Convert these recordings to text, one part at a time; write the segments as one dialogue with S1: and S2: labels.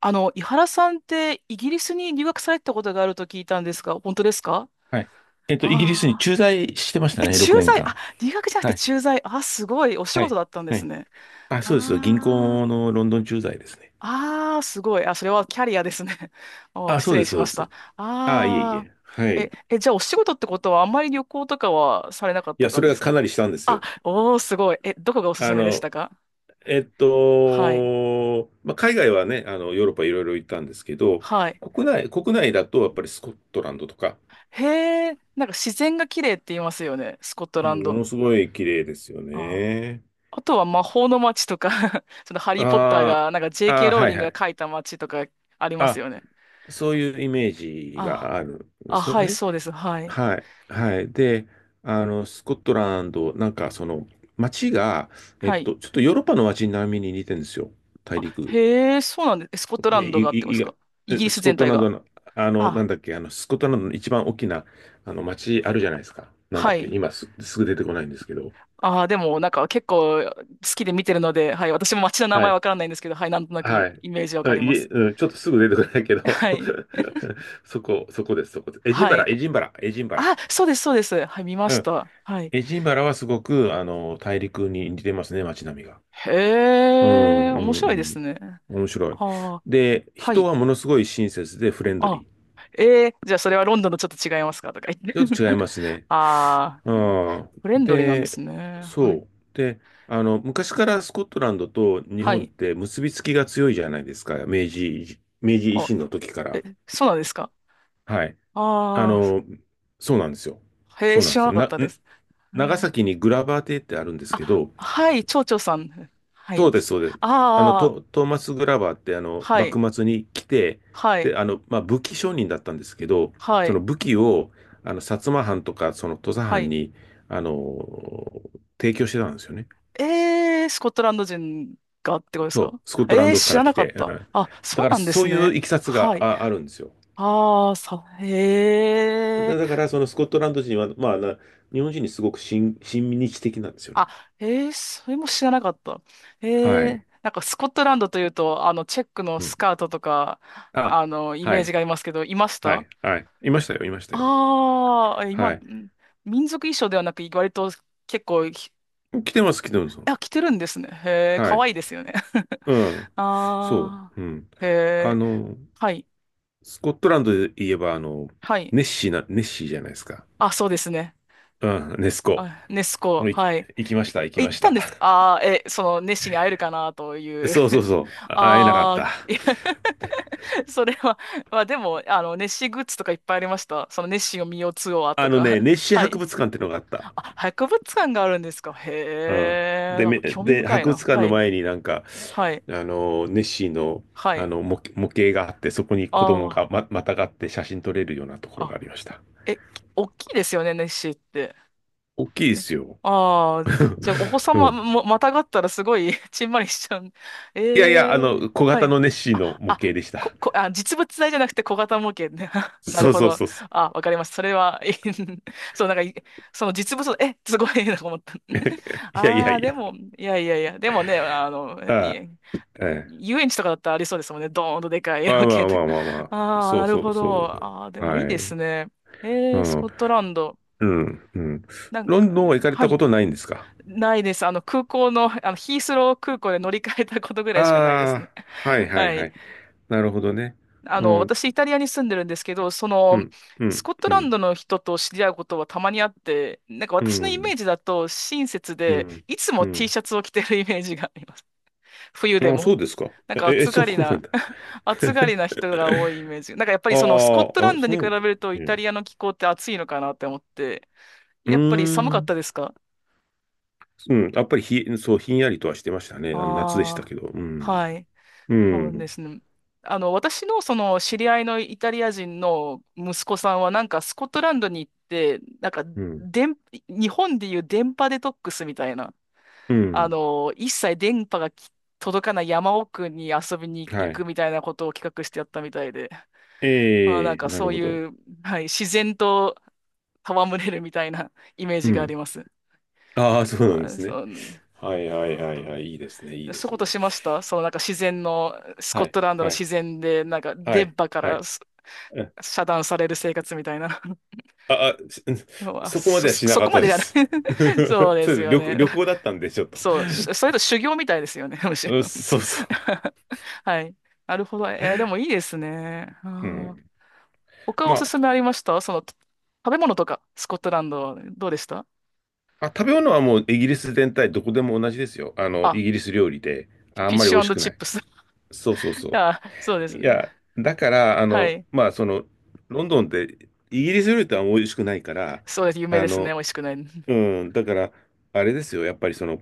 S1: 井原さんってイギリスに留学されてたことがあると聞いたんですが、本当ですか？
S2: はい。イギリスに
S1: ああ
S2: 駐在してました
S1: ー。え、
S2: ね、6
S1: 駐
S2: 年
S1: 在、あ、
S2: 間。
S1: 留学じゃなく
S2: は
S1: て
S2: い。
S1: 駐在。あ、すごい。お仕
S2: は
S1: 事
S2: い。
S1: だったんで
S2: は
S1: す
S2: い。
S1: ね。
S2: あ、そうです。銀
S1: ああ。
S2: 行のロンドン駐在ですね。
S1: ああ、すごい。あ、それはキャリアですね。お、
S2: あ、
S1: 失
S2: そう
S1: 礼
S2: です、
S1: し
S2: そう
S1: ま
S2: で
S1: した。
S2: す。あ、いえい
S1: ああ。
S2: え。はい。
S1: え、
S2: い
S1: え、じゃあお仕事ってことはあんまり旅行とかはされなかった
S2: や、そ
S1: 感
S2: れ
S1: じで
S2: が
S1: す
S2: か
S1: か？
S2: なりしたんです
S1: あ、
S2: よ。
S1: おー、すごい。え、どこがおすす
S2: あ
S1: めでし
S2: の、
S1: たか？はい。
S2: まあ、海外はね、ヨーロッパいろいろ行ったんですけど、
S1: はい。
S2: 国内だとやっぱりスコットランドとか、
S1: へえ、なんか自然が綺麗って言いますよね。スコット
S2: う
S1: ラン
S2: んも
S1: ド。
S2: のすごい綺麗ですよ
S1: あ
S2: ね。
S1: あとは魔法の街とか そのハリー・ポッター
S2: あー
S1: が、なんか JK
S2: あ、ー、
S1: ロー
S2: はい
S1: リン
S2: は
S1: グが
S2: い。
S1: 書いた街とかあります
S2: あ、
S1: よね。
S2: そういうイメージが
S1: あ、
S2: あるんで
S1: あ、
S2: すよ
S1: はい、
S2: ね。
S1: そうです。はい。
S2: はい、はい。で、スコットランド、なんか街が、
S1: はい。
S2: ちょっとヨーロッパの街並みに似てるんですよ。大陸。
S1: へえ、そうなんです。えスコットラ
S2: い、
S1: ンドがあってま
S2: い、い
S1: すか？イギ
S2: え
S1: リス
S2: スコッ
S1: 全
S2: ト
S1: 体
S2: ラン
S1: が。
S2: ドの、な
S1: あ、
S2: んだっけ、スコットランドの一番大きな、あの、街あるじゃないですか。なんだ
S1: は
S2: っけ、
S1: い。
S2: すぐ出てこないんですけど。
S1: あー、でもなんか結構好きで見てるので、はい。私も街の名
S2: は
S1: 前
S2: い、
S1: わからないんですけど、はい。なんとなく
S2: は
S1: イ
S2: い。
S1: イメージわか
S2: あ
S1: り
S2: い
S1: ま
S2: え、
S1: す。
S2: うん、ちょっとすぐ出てこないけ ど
S1: はい。
S2: そこです、そこです。エジン
S1: は
S2: バラ、
S1: い。
S2: エジンバラ、エジンバラ。
S1: あ、そうです、そうです。はい、見ま
S2: う
S1: し
S2: ん。
S1: た。はい。
S2: エジンバラはすごく、大陸に似てますね、街並みが。
S1: へ
S2: うん、
S1: え、
S2: う
S1: 面
S2: ん、う
S1: 白いです
S2: ん。
S1: ね。
S2: 面白い。
S1: ああ、
S2: で、
S1: は
S2: 人
S1: い。
S2: はものすごい親切でフレンド
S1: あ、
S2: リ
S1: えー、じゃあそれはロンドンとちょっと違いますかとか言っ
S2: ー。ちょっと違い
S1: て。
S2: ますね。
S1: ああ、うん
S2: ああ
S1: フレンドリーなんで
S2: で、
S1: すね。はい。
S2: そう。で、昔からスコットランドと日
S1: は
S2: 本っ
S1: い。
S2: て結びつきが強いじゃないですか。明治維
S1: あ、
S2: 新の時から。
S1: え、そうなんですか？
S2: はい。あ
S1: ああ
S2: の、そうなんですよ。
S1: へえ、
S2: そうなん
S1: 知
S2: で
S1: ら
S2: す
S1: な
S2: よ。
S1: かったです。う
S2: 長
S1: ん
S2: 崎にグラバー邸ってあるんですけ
S1: あ、
S2: ど、
S1: はい、蝶々さん。は
S2: そう
S1: い。
S2: です、そうです。
S1: ああ、
S2: トーマス・グラバーって、
S1: はい、
S2: 幕末に来て、
S1: はい、
S2: で、まあ、武器商人だったんですけど、
S1: は
S2: その
S1: い、
S2: 武器を、薩摩藩とか、その土佐
S1: は
S2: 藩
S1: い。
S2: に、あの、提供してたんですよね。
S1: えー、スコットランド人がってことですか？
S2: そう、スコットラン
S1: えー、
S2: ドか
S1: 知
S2: ら
S1: ら
S2: 来
S1: なかっ
S2: て。う
S1: た。
S2: ん、
S1: あ、
S2: だ
S1: そう
S2: から、
S1: なんで
S2: そ
S1: す
S2: ういう
S1: ね。
S2: いきさつ
S1: は
S2: が
S1: い。
S2: あ、あるんですよ。
S1: ああ、さ、へ
S2: だ、
S1: え。
S2: だから、そのスコットランド人は、まあ、日本人にすごく親日的なんですよね。
S1: あ、えー、それも知らなかった。え
S2: は
S1: ー、
S2: い。
S1: なんかスコットランドというと、チェックの
S2: う
S1: ス
S2: ん。
S1: カートとか、
S2: あ、
S1: イ
S2: は
S1: メージ
S2: い。
S1: がありますけど、いまし
S2: は
S1: た
S2: い。はい。いましたよ、いましたよ。
S1: ああー、今、
S2: はい。
S1: ん民族衣装ではなく、割と結構、ひ
S2: 来てます、来てます。
S1: あ、着てるんですね。へえ、
S2: は
S1: かわ
S2: い。
S1: いいですよね。
S2: うん。そ
S1: ああ、
S2: う。うん。
S1: へ
S2: あ
S1: え、
S2: の、
S1: はい、
S2: スコットランドで言えば、
S1: はい。
S2: ネッシーじゃないですか。
S1: あ、そうですね。
S2: うん、ネスコ。
S1: あ、ネス
S2: も
S1: コ、
S2: う
S1: はい。
S2: 行きま
S1: い
S2: した、行き
S1: え
S2: ま
S1: 行っ
S2: し
S1: たん
S2: た。
S1: ですか？ ああー、え、その、ネッシーに会えるかなという。
S2: そうそう そう。あ会えなかっ
S1: ああ、
S2: た。
S1: いや それは、まあでも、ネッシーグッズとかいっぱいありました。その、ネッシーを見ようツアー
S2: あ
S1: と
S2: のね、
S1: か。
S2: ネッ シー
S1: は
S2: 博
S1: い。
S2: 物館ってのがあった。
S1: あ、博物館があるんですか？へ
S2: うん。
S1: え、
S2: で、
S1: なんか興味深い
S2: 博物
S1: な。
S2: 館
S1: は
S2: の
S1: い。
S2: 前になんか、
S1: はい。
S2: あの、ネッシーの、
S1: はい。
S2: 模型があって、そこに子供
S1: あ
S2: がまたがって写真撮れるようなとこ
S1: あ、
S2: ろが
S1: あ、
S2: ありました。
S1: え、き大きいですよね、ネッシーって。
S2: 大きいで
S1: え
S2: すよ。
S1: ああ、じゃあ、お子
S2: う
S1: 様
S2: ん。
S1: も、またがったらすごい ちんまりしちゃう。
S2: いやいや、
S1: ええ
S2: 小
S1: は
S2: 型
S1: い。
S2: のネッシーの
S1: あ、
S2: 模
S1: あ、
S2: 型でした。
S1: あ、実物大じゃなくて小型模型ね。なる
S2: そう
S1: ほ
S2: そう
S1: ど。
S2: そうそ
S1: あ、わかりますそれは、いい そう、なんかい、その実物、え、すごい なと思った。
S2: う。いやいや
S1: ああ、
S2: い
S1: で
S2: や。
S1: も、いやいやいや、でもね、い
S2: あ
S1: え、
S2: あ、え
S1: え
S2: え。
S1: 遊園地とかだったらありそうですもんね。ドーンとでかい 模
S2: まあま
S1: 型
S2: あま
S1: と
S2: あ
S1: か。
S2: まあまあ。
S1: ああ、
S2: そ
S1: な
S2: う
S1: る
S2: そう
S1: ほ
S2: そ
S1: ど。
S2: う。
S1: ああ、でも
S2: は
S1: いい
S2: い。
S1: ですね。
S2: う
S1: ええス
S2: ん。
S1: コットランド。
S2: うん。うん。
S1: なん
S2: ロン
S1: か
S2: ドンは
S1: ね、
S2: 行かれ
S1: は
S2: たこ
S1: い。
S2: とないんですか？
S1: ないです。空港の、ヒースロー空港で乗り換えたことぐらいしかないですね。
S2: ああ、はい はい
S1: は
S2: は
S1: い。
S2: い。なるほどね。うん。
S1: 私、イタリアに住んでるんですけど、そ
S2: う
S1: の、
S2: ん。う
S1: ス
S2: ん。
S1: コット
S2: う
S1: ランド
S2: ん。
S1: の人と知り合うことはたまにあって、なんか
S2: う
S1: 私のイメ
S2: ん。
S1: ージだと親切
S2: う
S1: で、
S2: ん。
S1: いつ
S2: う
S1: も T
S2: ん。
S1: シャツを着てるイメージがあります。冬で
S2: ああ、
S1: も。
S2: そうですか。
S1: なんか
S2: え、
S1: 暑
S2: そ
S1: が
S2: う
S1: り
S2: なん
S1: な、
S2: だ。
S1: 暑がりな 人が多いイメージ。なんかやっぱ
S2: あ
S1: りそのスコットラ
S2: あ、あ、
S1: ンド
S2: そ
S1: に比
S2: う。
S1: べると
S2: う
S1: イタ
S2: ん。
S1: リアの気候って暑いのかなって思って、
S2: う
S1: やっぱり寒
S2: ー
S1: かっ
S2: ん。
S1: たですか？
S2: うん。やっぱりそう、ひんやりとはしてましたね。あの夏でした
S1: ああ
S2: けど。う
S1: ー、
S2: ん。
S1: はい。
S2: う
S1: そう
S2: ん。
S1: ですね。私のその知り合いのイタリア人の息子さんはなんかスコットランドに行って、なんか
S2: うん。
S1: 電、日本でいう電波デトックスみたいな、
S2: うん。
S1: 一切電波がき届かない山奥に遊びに
S2: は
S1: 行
S2: い。
S1: くみたいなことを企画してやったみたいで、まあ、な
S2: え
S1: ん
S2: え、
S1: か
S2: な
S1: そ
S2: る
S1: う
S2: ほど。
S1: いう、はい、自然と戯れるみたいな イメー
S2: う
S1: ジがあり
S2: ん。
S1: ます。
S2: ああ、そうなんで
S1: はい
S2: す
S1: そ
S2: ね。
S1: う、
S2: はいはいはい
S1: あ
S2: はい。いいですね。いい
S1: ー
S2: で
S1: そういう
S2: す
S1: こと
S2: ね。
S1: しましたそのなんか自然の、スコッ
S2: はい。
S1: トランドの
S2: は
S1: 自
S2: い。
S1: 然で、なんか
S2: は
S1: 電
S2: い。
S1: 波か
S2: は
S1: ら
S2: い。
S1: す
S2: うん
S1: 遮断される生活みたいな
S2: あ、あ、し
S1: のは、
S2: そこまでは
S1: そ
S2: しな
S1: そ
S2: か
S1: こ
S2: っ
S1: ま
S2: た
S1: で
S2: で
S1: じゃない
S2: す。ち ょ
S1: そう
S2: っ
S1: です
S2: と
S1: よね。
S2: 旅行だったんで、ちょっと。
S1: そう、しそれと修行みたいですよね、むしろ
S2: うんそうそう。
S1: はい。なるほど。えーでもいいですね。あ
S2: う
S1: ー
S2: ん。
S1: 他
S2: ま
S1: おす
S2: あ、
S1: すめありましたその、食べ物とか、スコットランド、どうでした？
S2: あ、食べ物はもうイギリス全体どこでも同じですよ。イ
S1: あ、
S2: ギリス料理で。あ
S1: フィ
S2: ん
S1: ッ
S2: まり
S1: シ
S2: 美味し
S1: ュ
S2: く
S1: チ
S2: な
S1: ッ
S2: い。
S1: プス。
S2: そうそう そ
S1: あ、そうで
S2: う。
S1: す
S2: い
S1: ね。
S2: や、だから、
S1: はい。
S2: まあ、ロンドンってイギリス料理とは美味しくないから、
S1: そうです。有名
S2: あ
S1: ですね。
S2: の、
S1: 美味しくない。
S2: う ん、だから、あれですよ、やっぱり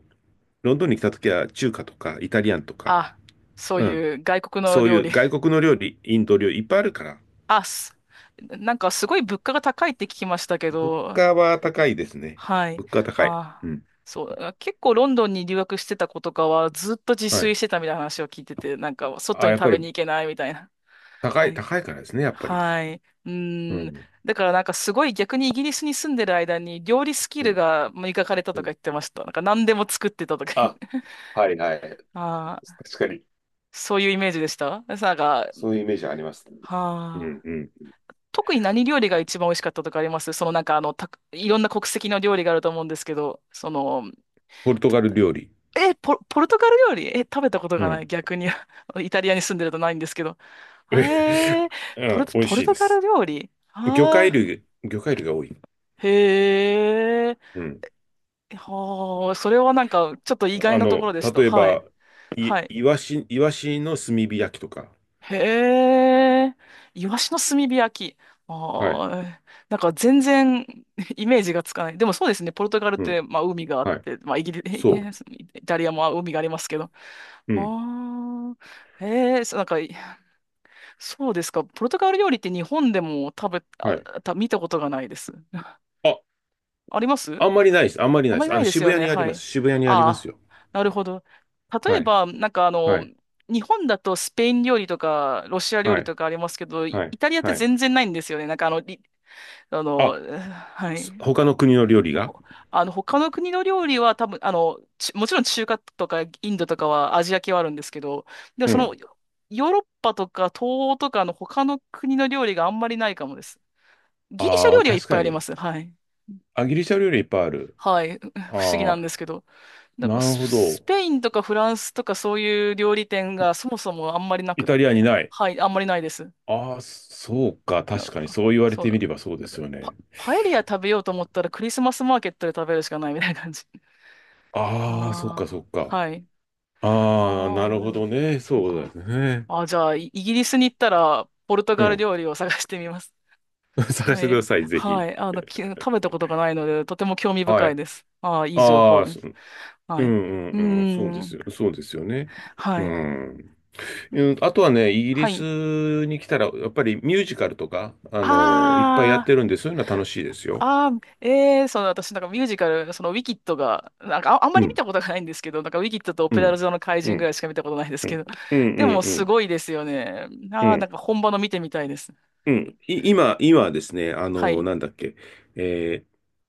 S2: ロンドンに来た時は中華とかイタリアンとか、
S1: あ、そう
S2: うん、
S1: いう外国の
S2: そうい
S1: 料
S2: う
S1: 理。
S2: 外国の料理、インド料理いっぱいあるから、
S1: あ、すなんかすごい物価が高いって聞きましたけ
S2: 物
S1: ど、
S2: 価は高いですね。
S1: はい。
S2: 物価は高い。
S1: あ
S2: う
S1: あ、
S2: ん。
S1: そう。あ結構ロンドンに留学してた子とかはずっと自
S2: は
S1: 炊
S2: い。
S1: してたみたいな話を聞いてて、なんか外
S2: あ、
S1: に
S2: やっぱ
S1: 食べに
S2: り
S1: 行けないみたいな。はい。
S2: 高いからですね、やっぱり。
S1: はい。う
S2: う
S1: ーん。
S2: ん。
S1: だからなんかすごい逆にイギリスに住んでる間に料理スキ
S2: う
S1: ル
S2: ん
S1: が磨かれた
S2: う
S1: と
S2: ん
S1: か言ってました。なんか何でも作ってたとか言っ
S2: あ、
S1: て。
S2: はいはい。
S1: ああ、
S2: 確かに。
S1: そういうイメージでした。なんか、
S2: そういうイメージあります。う
S1: は
S2: ん
S1: あ。
S2: うん。
S1: 特に何料理が一番美味しかったとかあります？そのなんかあの、た、いろんな国籍の料理があると思うんですけど、その、
S2: ポルトガル料理。
S1: え、ポルトガル料理え、食べたこと
S2: う
S1: がな
S2: ん。
S1: い。逆に。イタリアに住んでるとないんですけど。えー、
S2: うん、美味
S1: ポル
S2: しい
S1: ト
S2: で
S1: ガル
S2: す。
S1: 料理ああ
S2: 魚介類が多い。
S1: ー、へえ。
S2: うん。
S1: はあ、それはなんか、ちょっと意外なところでした。
S2: 例え
S1: はい。
S2: ば、い、
S1: はい。
S2: イワシ、イワシの炭火焼きとか。
S1: へえ。イワシの炭火焼き。
S2: はい。
S1: ああ、なんか全然 イメージがつかない。でもそうですね。ポルトガルっ
S2: うん。
S1: て、まあ海があっ
S2: はい。
S1: て、まあイギリ、
S2: そう。
S1: イタリアも海がありますけど。
S2: うん。
S1: ああ、へえ、そうなんか、そうですか。ポルトガル料理って日本でも食べ、
S2: はい。
S1: あ、た、見たことがないです。
S2: あ、
S1: あります
S2: あんまりないです。あんまり
S1: あ
S2: ない
S1: ん
S2: で
S1: まり
S2: す。
S1: ないです
S2: 渋
S1: よ
S2: 谷
S1: ね。
S2: にあり
S1: は
S2: ます。
S1: い。
S2: 渋谷にあります
S1: ああ、
S2: よ。
S1: なるほど。例
S2: は
S1: え
S2: い。
S1: ば、なんかあの、
S2: はい。
S1: 日本だとスペイン料理とかロシア料
S2: は
S1: 理
S2: い。
S1: とかありますけど、イ
S2: はい。
S1: イタリアって
S2: はい。
S1: 全然ないんですよね。なんかあの、りあの、
S2: あ、
S1: はい。
S2: 他の国の料理が
S1: ほ他の国の料理は多分、ちもちろん中華とかインドとかはアジア系はあるんですけど、でも
S2: う
S1: その、
S2: ん。
S1: ヨーロッパとか東欧とかの他の国の料理があんまりないかもです。ギリシャ
S2: あ
S1: 料
S2: あ、
S1: 理はいっ
S2: 確
S1: ぱい
S2: か
S1: ありま
S2: に。
S1: す。はい。
S2: あ、ギリシャ料理いっぱいある。
S1: はい。不思議な
S2: ああ、
S1: んですけど。なんか
S2: なるほ
S1: ス
S2: ど。
S1: ペインとかフランスとかそういう料理店がそもそもあんまりな
S2: イ
S1: くっ
S2: タリア
S1: て。
S2: にない。
S1: はい、あんまりないです。
S2: ああ、そうか。
S1: なん
S2: 確かに、
S1: か、
S2: そう言われ
S1: そう
S2: て
S1: な
S2: み
S1: の。
S2: ればそうで
S1: なんか
S2: すよね。
S1: パエリア食べようと思ったらクリスマスマーケットで食べるしかないみたいな感じ。
S2: ああ、そっか、そ
S1: あ
S2: っ
S1: あ、
S2: か。
S1: はい。
S2: ああ、な
S1: ああ、
S2: る
S1: で
S2: ほ
S1: も、
S2: どね。
S1: そう
S2: そうで
S1: か。
S2: すね。
S1: あーじゃあ、イイギリスに行ったら、ポルト
S2: う
S1: ガル
S2: ん。
S1: 料理を探してみます。
S2: 探し
S1: は
S2: てく
S1: い。
S2: ださい、ぜ
S1: は
S2: ひ。
S1: い。き食べたことがないので、とても興味
S2: は
S1: 深い
S2: い。
S1: です。ああ、いい情
S2: あ
S1: 報
S2: あ、
S1: で
S2: そう
S1: す。
S2: ん
S1: は
S2: う
S1: い。う
S2: んうん。そう
S1: ー
S2: です
S1: ん。
S2: よ。そうですよね。う
S1: はい。
S2: ん。うんあとはね、イギリ
S1: はい。
S2: スに来たら、やっぱりミュージカルとか、いっぱいやっ
S1: あ
S2: て
S1: ー。
S2: るんで、そういうのは楽しいですよ。
S1: あー、えー、その私なんかミュージカル、そのウィキッドが、なんかあ、あんま
S2: う
S1: り見
S2: ん、
S1: たことがないんですけど、なんかウィキッドとオ
S2: う
S1: ペラ
S2: ん、
S1: 座の怪
S2: う
S1: 人ぐら
S2: ん、
S1: いしか見たことないです
S2: う
S1: け
S2: ん、
S1: ど、
S2: うん、う
S1: でも
S2: ん、う
S1: す
S2: ん。
S1: ごいですよね。
S2: う
S1: あー、なん
S2: ん
S1: か本場の見てみたいです。
S2: うん。今ですね、
S1: はい。
S2: なんだっけ、えー、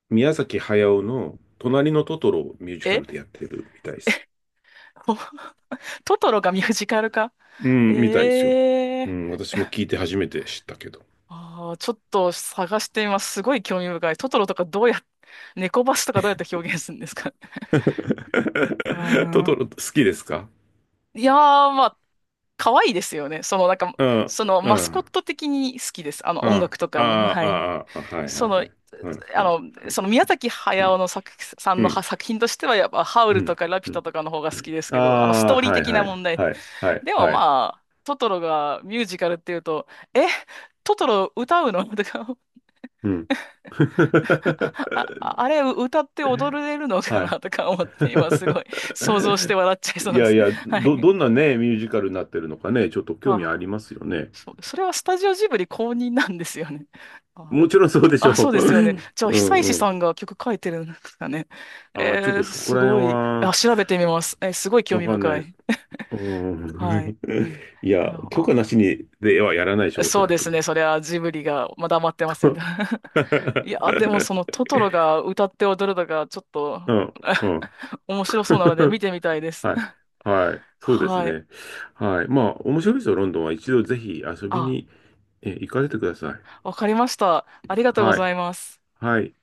S2: 宮崎駿の隣のトトロをミュージカ
S1: え
S2: ルでやってるみたいです。
S1: お トトロがミュージカルか。
S2: う
S1: え
S2: ん、みたいですよ。
S1: ー。
S2: うん、私も聞いて初めて知ったけど。
S1: あー、ちょっと探してみます。すごい興味深い。トトロとかどうやっ、猫バスとかどうやって表現するんですか？
S2: ト
S1: あー
S2: トロ好きですか？
S1: んいやー、まあ可愛いですよね。その、なんか、
S2: うん、
S1: その、
S2: う
S1: マスコッ
S2: ん、
S1: ト的に好きです。
S2: うん、
S1: 音
S2: あ
S1: 楽と
S2: あ、
S1: かも。はい。
S2: ああ、あはいはい
S1: そ
S2: は
S1: の、
S2: い。うん、
S1: あ
S2: うん、
S1: の、その、宮崎駿の
S2: う
S1: 作、さんのは
S2: ん、
S1: 作品としては、やっぱ、ハウ
S2: う
S1: ルと
S2: ん、
S1: かラピ
S2: う
S1: ュタ
S2: ん。
S1: とかの方が好きですけど、ス
S2: あ
S1: ト
S2: あ、
S1: ーリー
S2: はい
S1: 的
S2: は
S1: な
S2: い、
S1: 問題。
S2: はい、は い、
S1: でも、
S2: はい。
S1: まあ、トトロがミュージカルっていうと、え、トトロ歌うのとか、
S2: うん。
S1: あ、ああれ歌って踊れるのか
S2: はい。
S1: なとか思って、今すごい想像して 笑っちゃいそう
S2: い
S1: なんで
S2: や
S1: す
S2: い
S1: けど。
S2: や、
S1: はい。
S2: どんなね、ミュージカルになってるのかね、ちょっと興
S1: は
S2: 味あり
S1: あ
S2: ますよね。
S1: そう、それはスタジオジブリ公認なんですよね。あ、
S2: もちろんそ
S1: じゃ
S2: うでしょ
S1: あ、そう
S2: う。
S1: ですよ
S2: う
S1: ね。じゃあ、
S2: ん
S1: 久
S2: う
S1: 石さ
S2: ん。
S1: んが曲書いてるんですかね。
S2: ああ、ちょっ
S1: えー、
S2: とそこ
S1: す
S2: ら
S1: ご
S2: 辺
S1: い。
S2: は、
S1: あ、調べてみます。えーすごい興
S2: わ
S1: 味
S2: かんない
S1: 深
S2: です。
S1: い。
S2: う
S1: はい。
S2: ん。いや、許可
S1: あ、
S2: なしにではやらないでしょう、おそ
S1: そう
S2: ら
S1: です
S2: く。
S1: ね。それはジブリが、まだ待ってませんが。いや、でも そのトトロが歌って踊るのがちょっ
S2: う
S1: と
S2: ん、うん。
S1: 面白そうなので見 てみたいです。
S2: はい。はい。そうです
S1: はい。
S2: ね。はい。まあ、面白いですよ、ロンドンは。一度ぜひ遊び
S1: あ、
S2: に、行かれてください。
S1: わかりました。ありがとうご
S2: は
S1: ざ
S2: い。
S1: います。
S2: はい。